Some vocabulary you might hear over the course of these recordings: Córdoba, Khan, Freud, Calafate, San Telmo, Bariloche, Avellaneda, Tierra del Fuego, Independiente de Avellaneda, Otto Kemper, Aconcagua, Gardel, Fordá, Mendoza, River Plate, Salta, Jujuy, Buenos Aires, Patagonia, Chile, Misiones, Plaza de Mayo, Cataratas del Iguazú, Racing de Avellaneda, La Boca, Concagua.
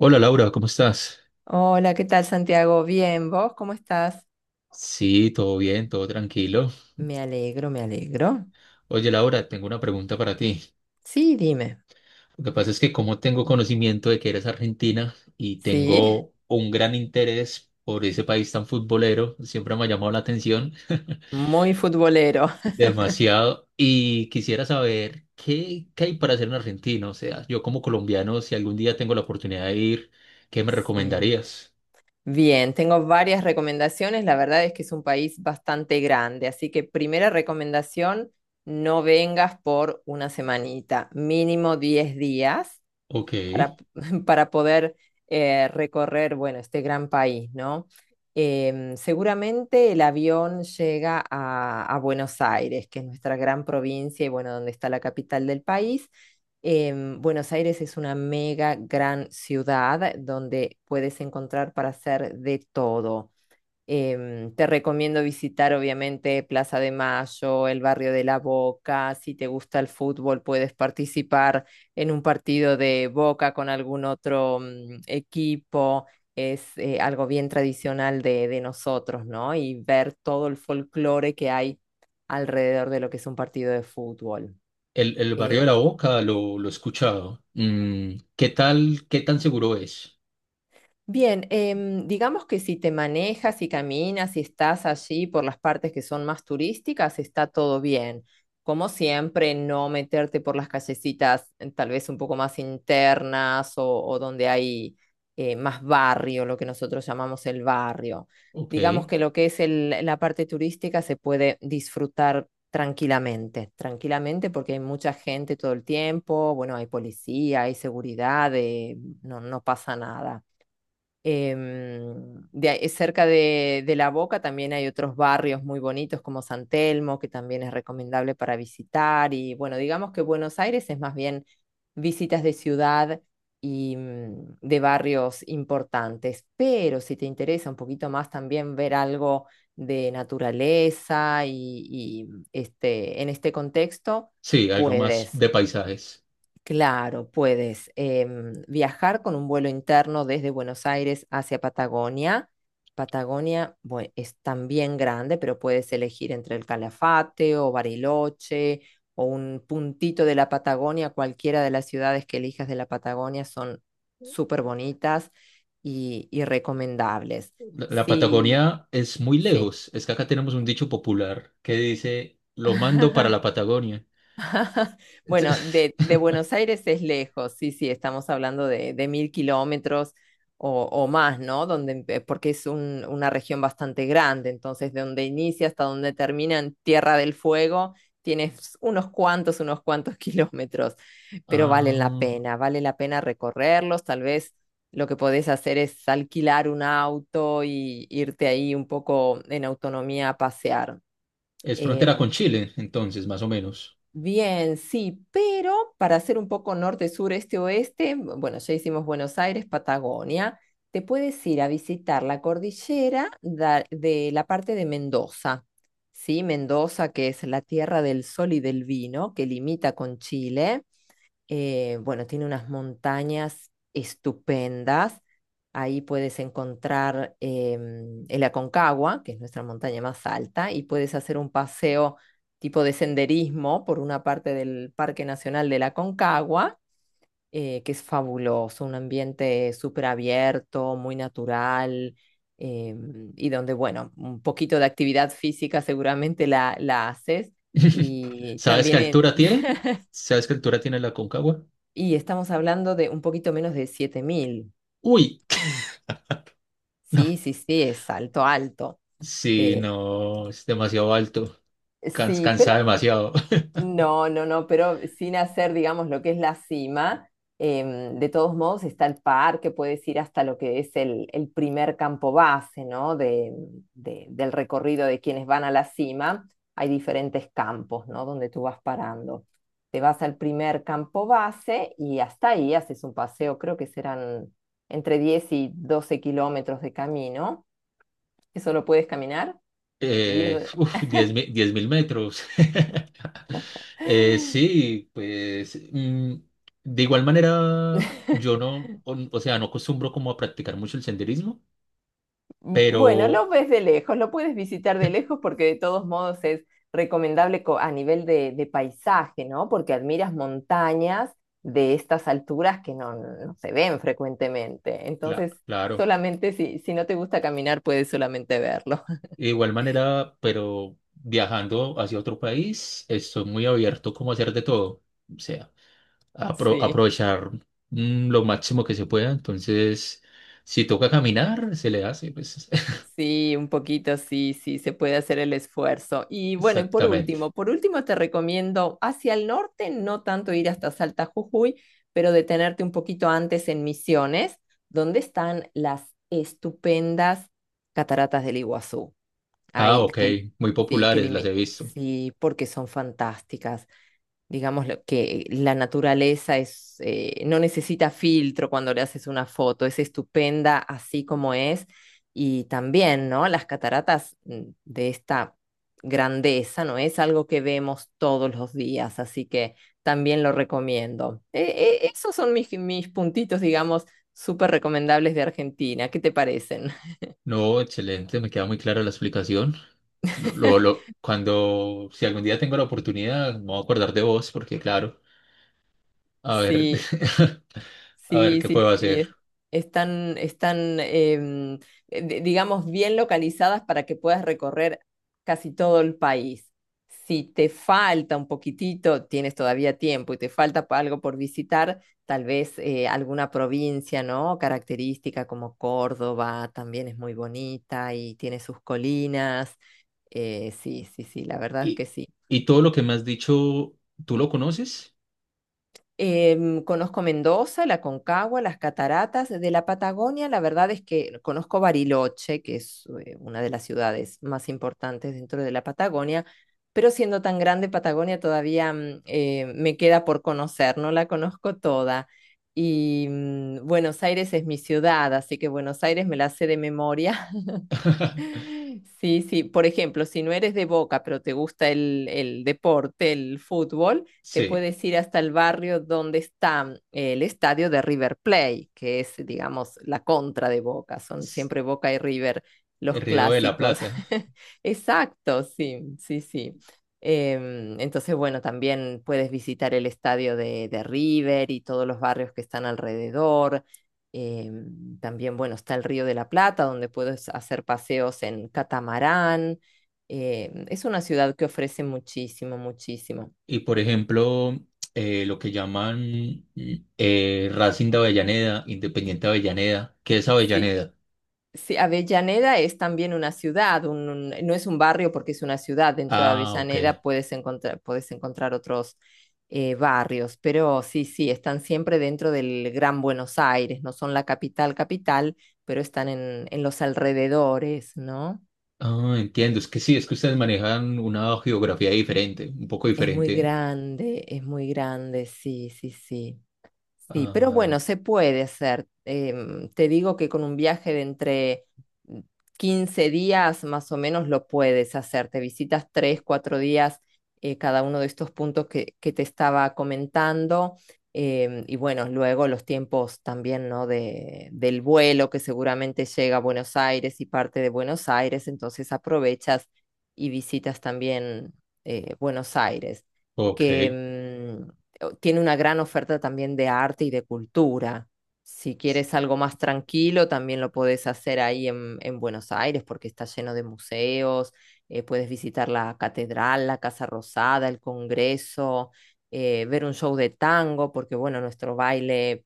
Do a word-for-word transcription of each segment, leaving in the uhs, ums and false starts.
Hola, Laura, ¿cómo estás? Hola, ¿qué tal, Santiago? Bien, ¿vos cómo estás? Sí, todo bien, todo tranquilo. Me alegro, me alegro. Oye, Laura, tengo una pregunta para ti. Sí, dime. Lo que pasa es que como tengo conocimiento de que eres argentina y Sí, tengo un gran interés por ese país tan futbolero, siempre me ha llamado la atención muy futbolero. demasiado y quisiera saber qué, qué hay para hacer en Argentina. O sea, yo como colombiano, si algún día tengo la oportunidad de ir, ¿qué me Sí. recomendarías? Bien, tengo varias recomendaciones. La verdad es que es un país bastante grande, así que primera recomendación, no vengas por una semanita, mínimo diez días. Ok. Para, para poder eh, recorrer, bueno, este gran país, ¿no? Em, seguramente el avión llega a, a Buenos Aires, que es nuestra gran provincia y bueno, donde está la capital del país. Em, Buenos Aires es una mega gran ciudad, eh, donde puedes encontrar para hacer de todo. Em, te recomiendo visitar, obviamente, Plaza de Mayo, el barrio de La Boca. Si te gusta el fútbol, puedes participar en un partido de Boca con algún otro mm, equipo. Es eh, algo bien tradicional de, de nosotros, ¿no? Y ver todo el folclore que hay alrededor de lo que es un partido de fútbol. El, el barrio Eh, de la Boca lo, lo he escuchado. Mm, ¿qué tal, qué tan seguro es? Bien, em, digamos que si te manejas y caminas y estás allí por las partes que son más turísticas, está todo bien. Como siempre, no meterte por las callecitas, eh, tal vez un poco más internas o, o donde hay eh, más barrio, lo que nosotros llamamos el barrio. Ok, Digamos que lo que es el- la parte turística se puede disfrutar tranquilamente, tranquilamente porque hay mucha gente todo el tiempo, bueno, hay policía, hay seguridad, eh, no, no pasa nada. Em, de ahí- cerca de, de La Boca también hay otros barrios muy bonitos como San Telmo, que también es recomendable para visitar. Y bueno, digamos que Buenos Aires es más bien visitas de ciudad y mm, de barrios importantes. Pero si te interesa un poquito más también ver algo de naturaleza y, y, este, en este contexto, sí, algo más puedes. de paisajes. Claro, puedes em, viajar con un vuelo interno desde Buenos Aires hacia Patagonia. Patagonia, bue- es también grande, pero puedes elegir entre el Calafate o Bariloche o un puntito de la Patagonia. Cualquiera de las ciudades que elijas de la Patagonia son súper bonitas y, y recomendables. La, la Sí, Patagonia es muy sí. lejos. Es que acá tenemos un dicho popular que dice, lo mando para la Patagonia. Bueno, de, de Buenos Aires es lejos, sí, sí, estamos hablando de, de mil kilómetros o, o más, ¿no? Donde, empe- porque es un- una región bastante grande, entonces de donde inicia hasta donde termina en Tierra del Fuego, tienes unos cuantos, unos cuantos kilómetros, pero valen la Ah, pena, vale la pena recorrerlos. Tal vez lo que podés hacer es alquilar un auto y irte ahí un poco en autonomía a pasear. es frontera em, con Chile, entonces, más o menos. Bien, sí, pero para hacer un poco norte, sur, este, oeste, bueno, ya hicimos Buenos Aires, Patagonia, te puedes ir a visitar la cordillera da- de la parte de Mendoza, ¿sí? Mendoza, que es la tierra del sol y del vino, que limita con Chile. Eh, bueno, tiene unas montañas estupendas. Ahí puedes encontrar, em, el Aconcagua, que es nuestra montaña más alta, y puedes hacer un paseo tipo de senderismo por una parte del Parque Nacional del Aconcagua, eh, que es fabuloso, un ambiente súper abierto, muy natural, em, y donde, bueno, un poquito de actividad física seguramente la, la haces. Y ¿Sabes qué también en, altura tiene? ¿Sabes qué altura tiene la Concagua? Y estamos hablando de un poquito menos de siete mil. Uy, no. Sí, sí, sí, es alto, alto. Sí, Eh, no, es demasiado alto. Cans- sí, Cansa pero demasiado. no, no, no, pero sin hacer, digamos, lo que es la cima, em, de todos modos está el parque, puedes ir hasta lo que es el, el primer campo base, ¿no? De, de- del recorrido de quienes van a la cima. Hay diferentes campos, ¿no? Donde tú vas parando. Te vas al primer campo base y hasta ahí haces un paseo, creo que serán entre diez y doce kilómetros de camino. ¿Eso lo puedes caminar? Eh, Diez. uf, 10 mil, mil metros. Eh, sí, pues mm, de igual manera yo no, o, o sea, no acostumbro como a practicar mucho el senderismo, Bueno, pero lo ves de lejos, lo puedes visitar de lejos porque de todos modos es recomendable, co- a nivel de, de paisaje, ¿no? Porque admiras montañas de estas alturas que no, no se ven frecuentemente. cla- Entonces, claro, solamente si, si no te gusta caminar, puedes solamente verlo. de igual manera, pero viajando hacia otro país, estoy muy abierto como a hacer de todo, o sea, apro- Sí. aprovechar mm, lo máximo que se pueda, entonces si toca caminar, se le hace, pues Sí, un poquito, sí, sí, se puede hacer el esfuerzo. Y bueno, y por exactamente. último, por último te recomiendo hacia el norte, no tanto ir hasta Salta Jujuy, pero detenerte un poquito antes en Misiones, donde están las estupendas cataratas del Iguazú. Ah, Ahí, ok, que, muy sí, que populares, las limi- he visto. sí, porque son fantásticas, digamos, lo que la naturaleza es, eh, no necesita filtro cuando le haces una foto, es estupenda así como es. Y también, ¿no? Las cataratas mm, de esta grandeza, ¿no? Es algo que vemos todos los días, así que también lo recomiendo. Eh, eh, esos son mis, mis puntitos, digamos, súper recomendables de Argentina. ¿Qué te parecen? No, excelente, me queda muy clara la explicación. Lo, lo- Cuando, si algún día tengo la oportunidad, me voy a acordar de vos, porque claro, a ver, Sí, a ver sí, qué sí, puedo sí, hacer. es- están, están, em, eh, di- digamos, bien localizadas para que puedas recorrer casi todo el país. Si te falta un poquitito, tienes todavía tiempo y te falta pa- algo por visitar, tal vez eh, alguna provincia, ¿no? Característica como Córdoba, también es muy bonita y tiene sus colinas. Eh, sí, sí, sí, la verdad Y, que sí. y todo lo que me has dicho, ¿tú lo conoces? Em, conozco Mendoza, la Concagua, las cataratas. De la Patagonia, la verdad es que conozco Bariloche, que es eh, una de las ciudades más importantes dentro de la Patagonia, pero siendo tan grande Patagonia todavía mm, eh, me queda por conocer, no la conozco toda. Y mm, Buenos Aires es mi ciudad, así que Buenos Aires me la sé de memoria. Sí, sí. Por ejemplo, si no eres de Boca, pero te gusta el, el deporte, el fútbol, te Sí, puedes ir hasta el barrio donde está el estadio de River Plate, que es, digamos, la contra de Boca. Son s- siempre Boca y River el los Río de la clásicos. Plata. Exacto, sí, sí, sí. Em, entonces, bueno, también puedes visitar el estadio de, de River y todos los barrios que están alrededor, eh, también, bueno, está el Río de la Plata, donde puedes hacer paseos en catamarán. Eh, es una ciudad que ofrece muchísimo, muchísimo. Y por ejemplo, eh, lo que llaman mm, eh, Racing de Avellaneda, Independiente de Avellaneda, ¿qué es Sí, Avellaneda? sí, Avellaneda es también una ciudad, un- un- no es un barrio porque es una ciudad. Dentro de Ah, ok. Avellaneda puedes encontrar, puedes encontrar otros eh, barrios, pero sí, sí, están siempre dentro del Gran Buenos Aires, no son la capital, capital, pero están en, en los alrededores, ¿no? Ah, entiendo. Es que sí, es que ustedes manejan una geografía diferente, un poco Es muy diferente. grande, es muy grande, sí, sí, sí. Sí, pero Ah, bueno, se puede hacer. Em, te digo que con un viaje de entre, mm, quince días más o menos lo puedes hacer. Te visitas tres, cuatro días, eh, cada uno de estos puntos que, que te estaba comentando. Em, y bueno, luego los tiempos también, ¿no? De, del vuelo que seguramente llega a Buenos Aires y parte de Buenos Aires, entonces aprovechas y visitas también, eh, Buenos Aires ok. que mm, tiene una gran oferta también de arte y de cultura. Si quieres algo más tranquilo, también lo podés hacer ahí en, en Buenos Aires porque está lleno de museos, eh, puedes visitar la catedral, la Casa Rosada, el Congreso, eh, ver un show de tango, porque bueno, nuestro baile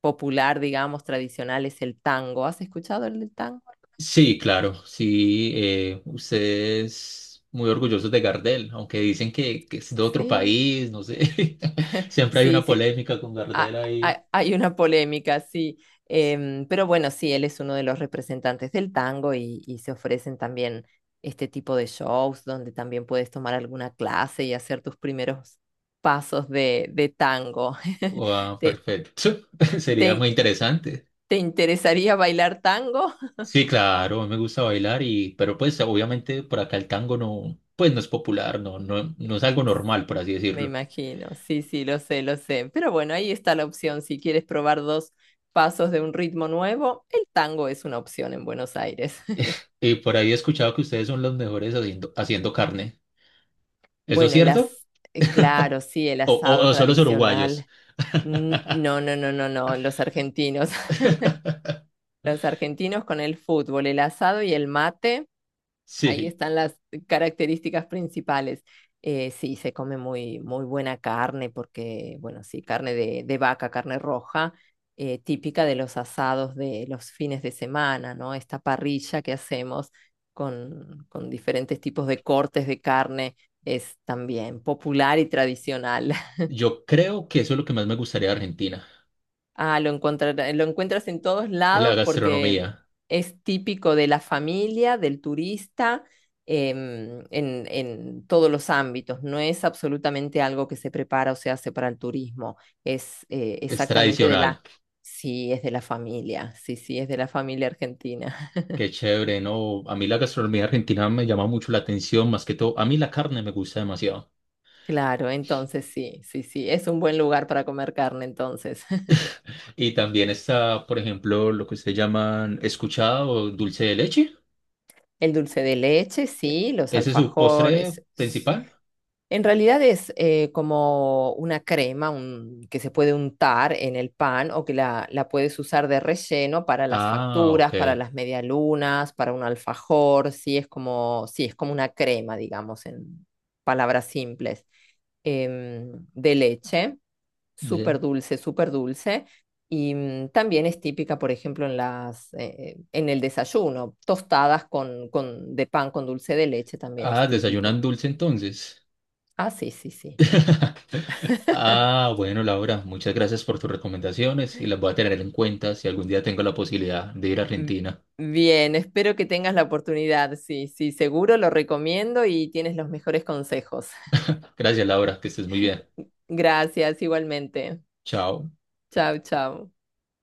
popular, digamos, tradicional es el tango. ¿Has escuchado el del tango alguna Sí, claro, sí. eh, ustedes muy orgullosos de Gardel, aunque dicen que, que es de vez? otro Sí. país, no sé. Siempre hay Sí, una sí. polémica con Gardel ha- ahí. Ha- hay una polémica, sí. Em, pero bueno, sí, él es uno de los representantes del tango y, y se ofrecen también este tipo de shows donde también puedes tomar alguna clase y hacer tus primeros pasos de, de tango. Ah, ¿Te, perfecto. Sería muy te, interesante. ¿te interesaría bailar tango? Sí, claro, a mí me gusta bailar y, pero pues obviamente por acá el tango no, pues no es popular, no, no, no es algo normal, Sí, por así me decirlo. imagino, sí, sí, lo sé, lo sé. Pero bueno, ahí está la opción. Si quieres probar dos pasos de un ritmo nuevo, el tango es una opción en Buenos Aires. Y por ahí he escuchado que ustedes son los mejores haciendo, haciendo carne. ¿Eso es Bueno, el cierto? as... eh, claro, sí, el ¿O, o, asado o son los uruguayos? tradicional. N- No, no, no, no, no, los argentinos. Los argentinos con el fútbol, el asado y el mate. Ahí Sí, están las características principales. Eh, sí, se come muy, muy buena carne porque, bueno, sí, carne de, de vaca, carne roja, eh, típica de los asados de los fines de semana, ¿no? Esta parrilla que hacemos con, con diferentes tipos de cortes de carne es también popular y tradicional. yo creo que eso es lo que más me gustaría de Argentina. Ah, lo encontrar- lo encuentras en todos La lados porque gastronomía es típico de la familia, del turista, em, en, en todos los ámbitos. No es absolutamente algo que se prepara o se hace para el turismo. Es, eh, es exactamente de tradicional. la... Sí, es de la familia. Sí, sí, es de la familia argentina. Qué chévere, ¿no? A mí la gastronomía argentina me llama mucho la atención, más que todo. A mí la carne me gusta demasiado. Claro, entonces sí, sí, sí. Es un buen lugar para comer carne, entonces. Y también está, por ejemplo, lo que ustedes llaman escuchado o dulce de leche. El dulce de leche, ¿E- sí, los ¿Ese es su postre alfajores. principal? En realidad es, eh, como una crema, un- que se puede untar en el pan o que la, la puedes usar de relleno para las Ah, facturas, ok. para las medialunas, para un alfajor. Sí, es como, sí, es como una crema, digamos, en palabras simples, em, de leche Bien. súper dulce, súper dulce. Y mm, también es típica, por ejemplo, en las, eh, en el desayuno, tostadas con, con, de pan con dulce de leche también es Ah, desayunan típico. dulce entonces. Ah, sí, sí, sí. Ah, bueno, Laura, muchas gracias por tus recomendaciones y las voy a tener en cuenta si algún día tengo la posibilidad de ir a M- Argentina. Bien, espero que tengas la oportunidad. Sí, sí, seguro lo recomiendo y tienes los mejores consejos. Gracias, Laura, que estés muy bien. Gracias, igualmente. Chao. Chao, chao.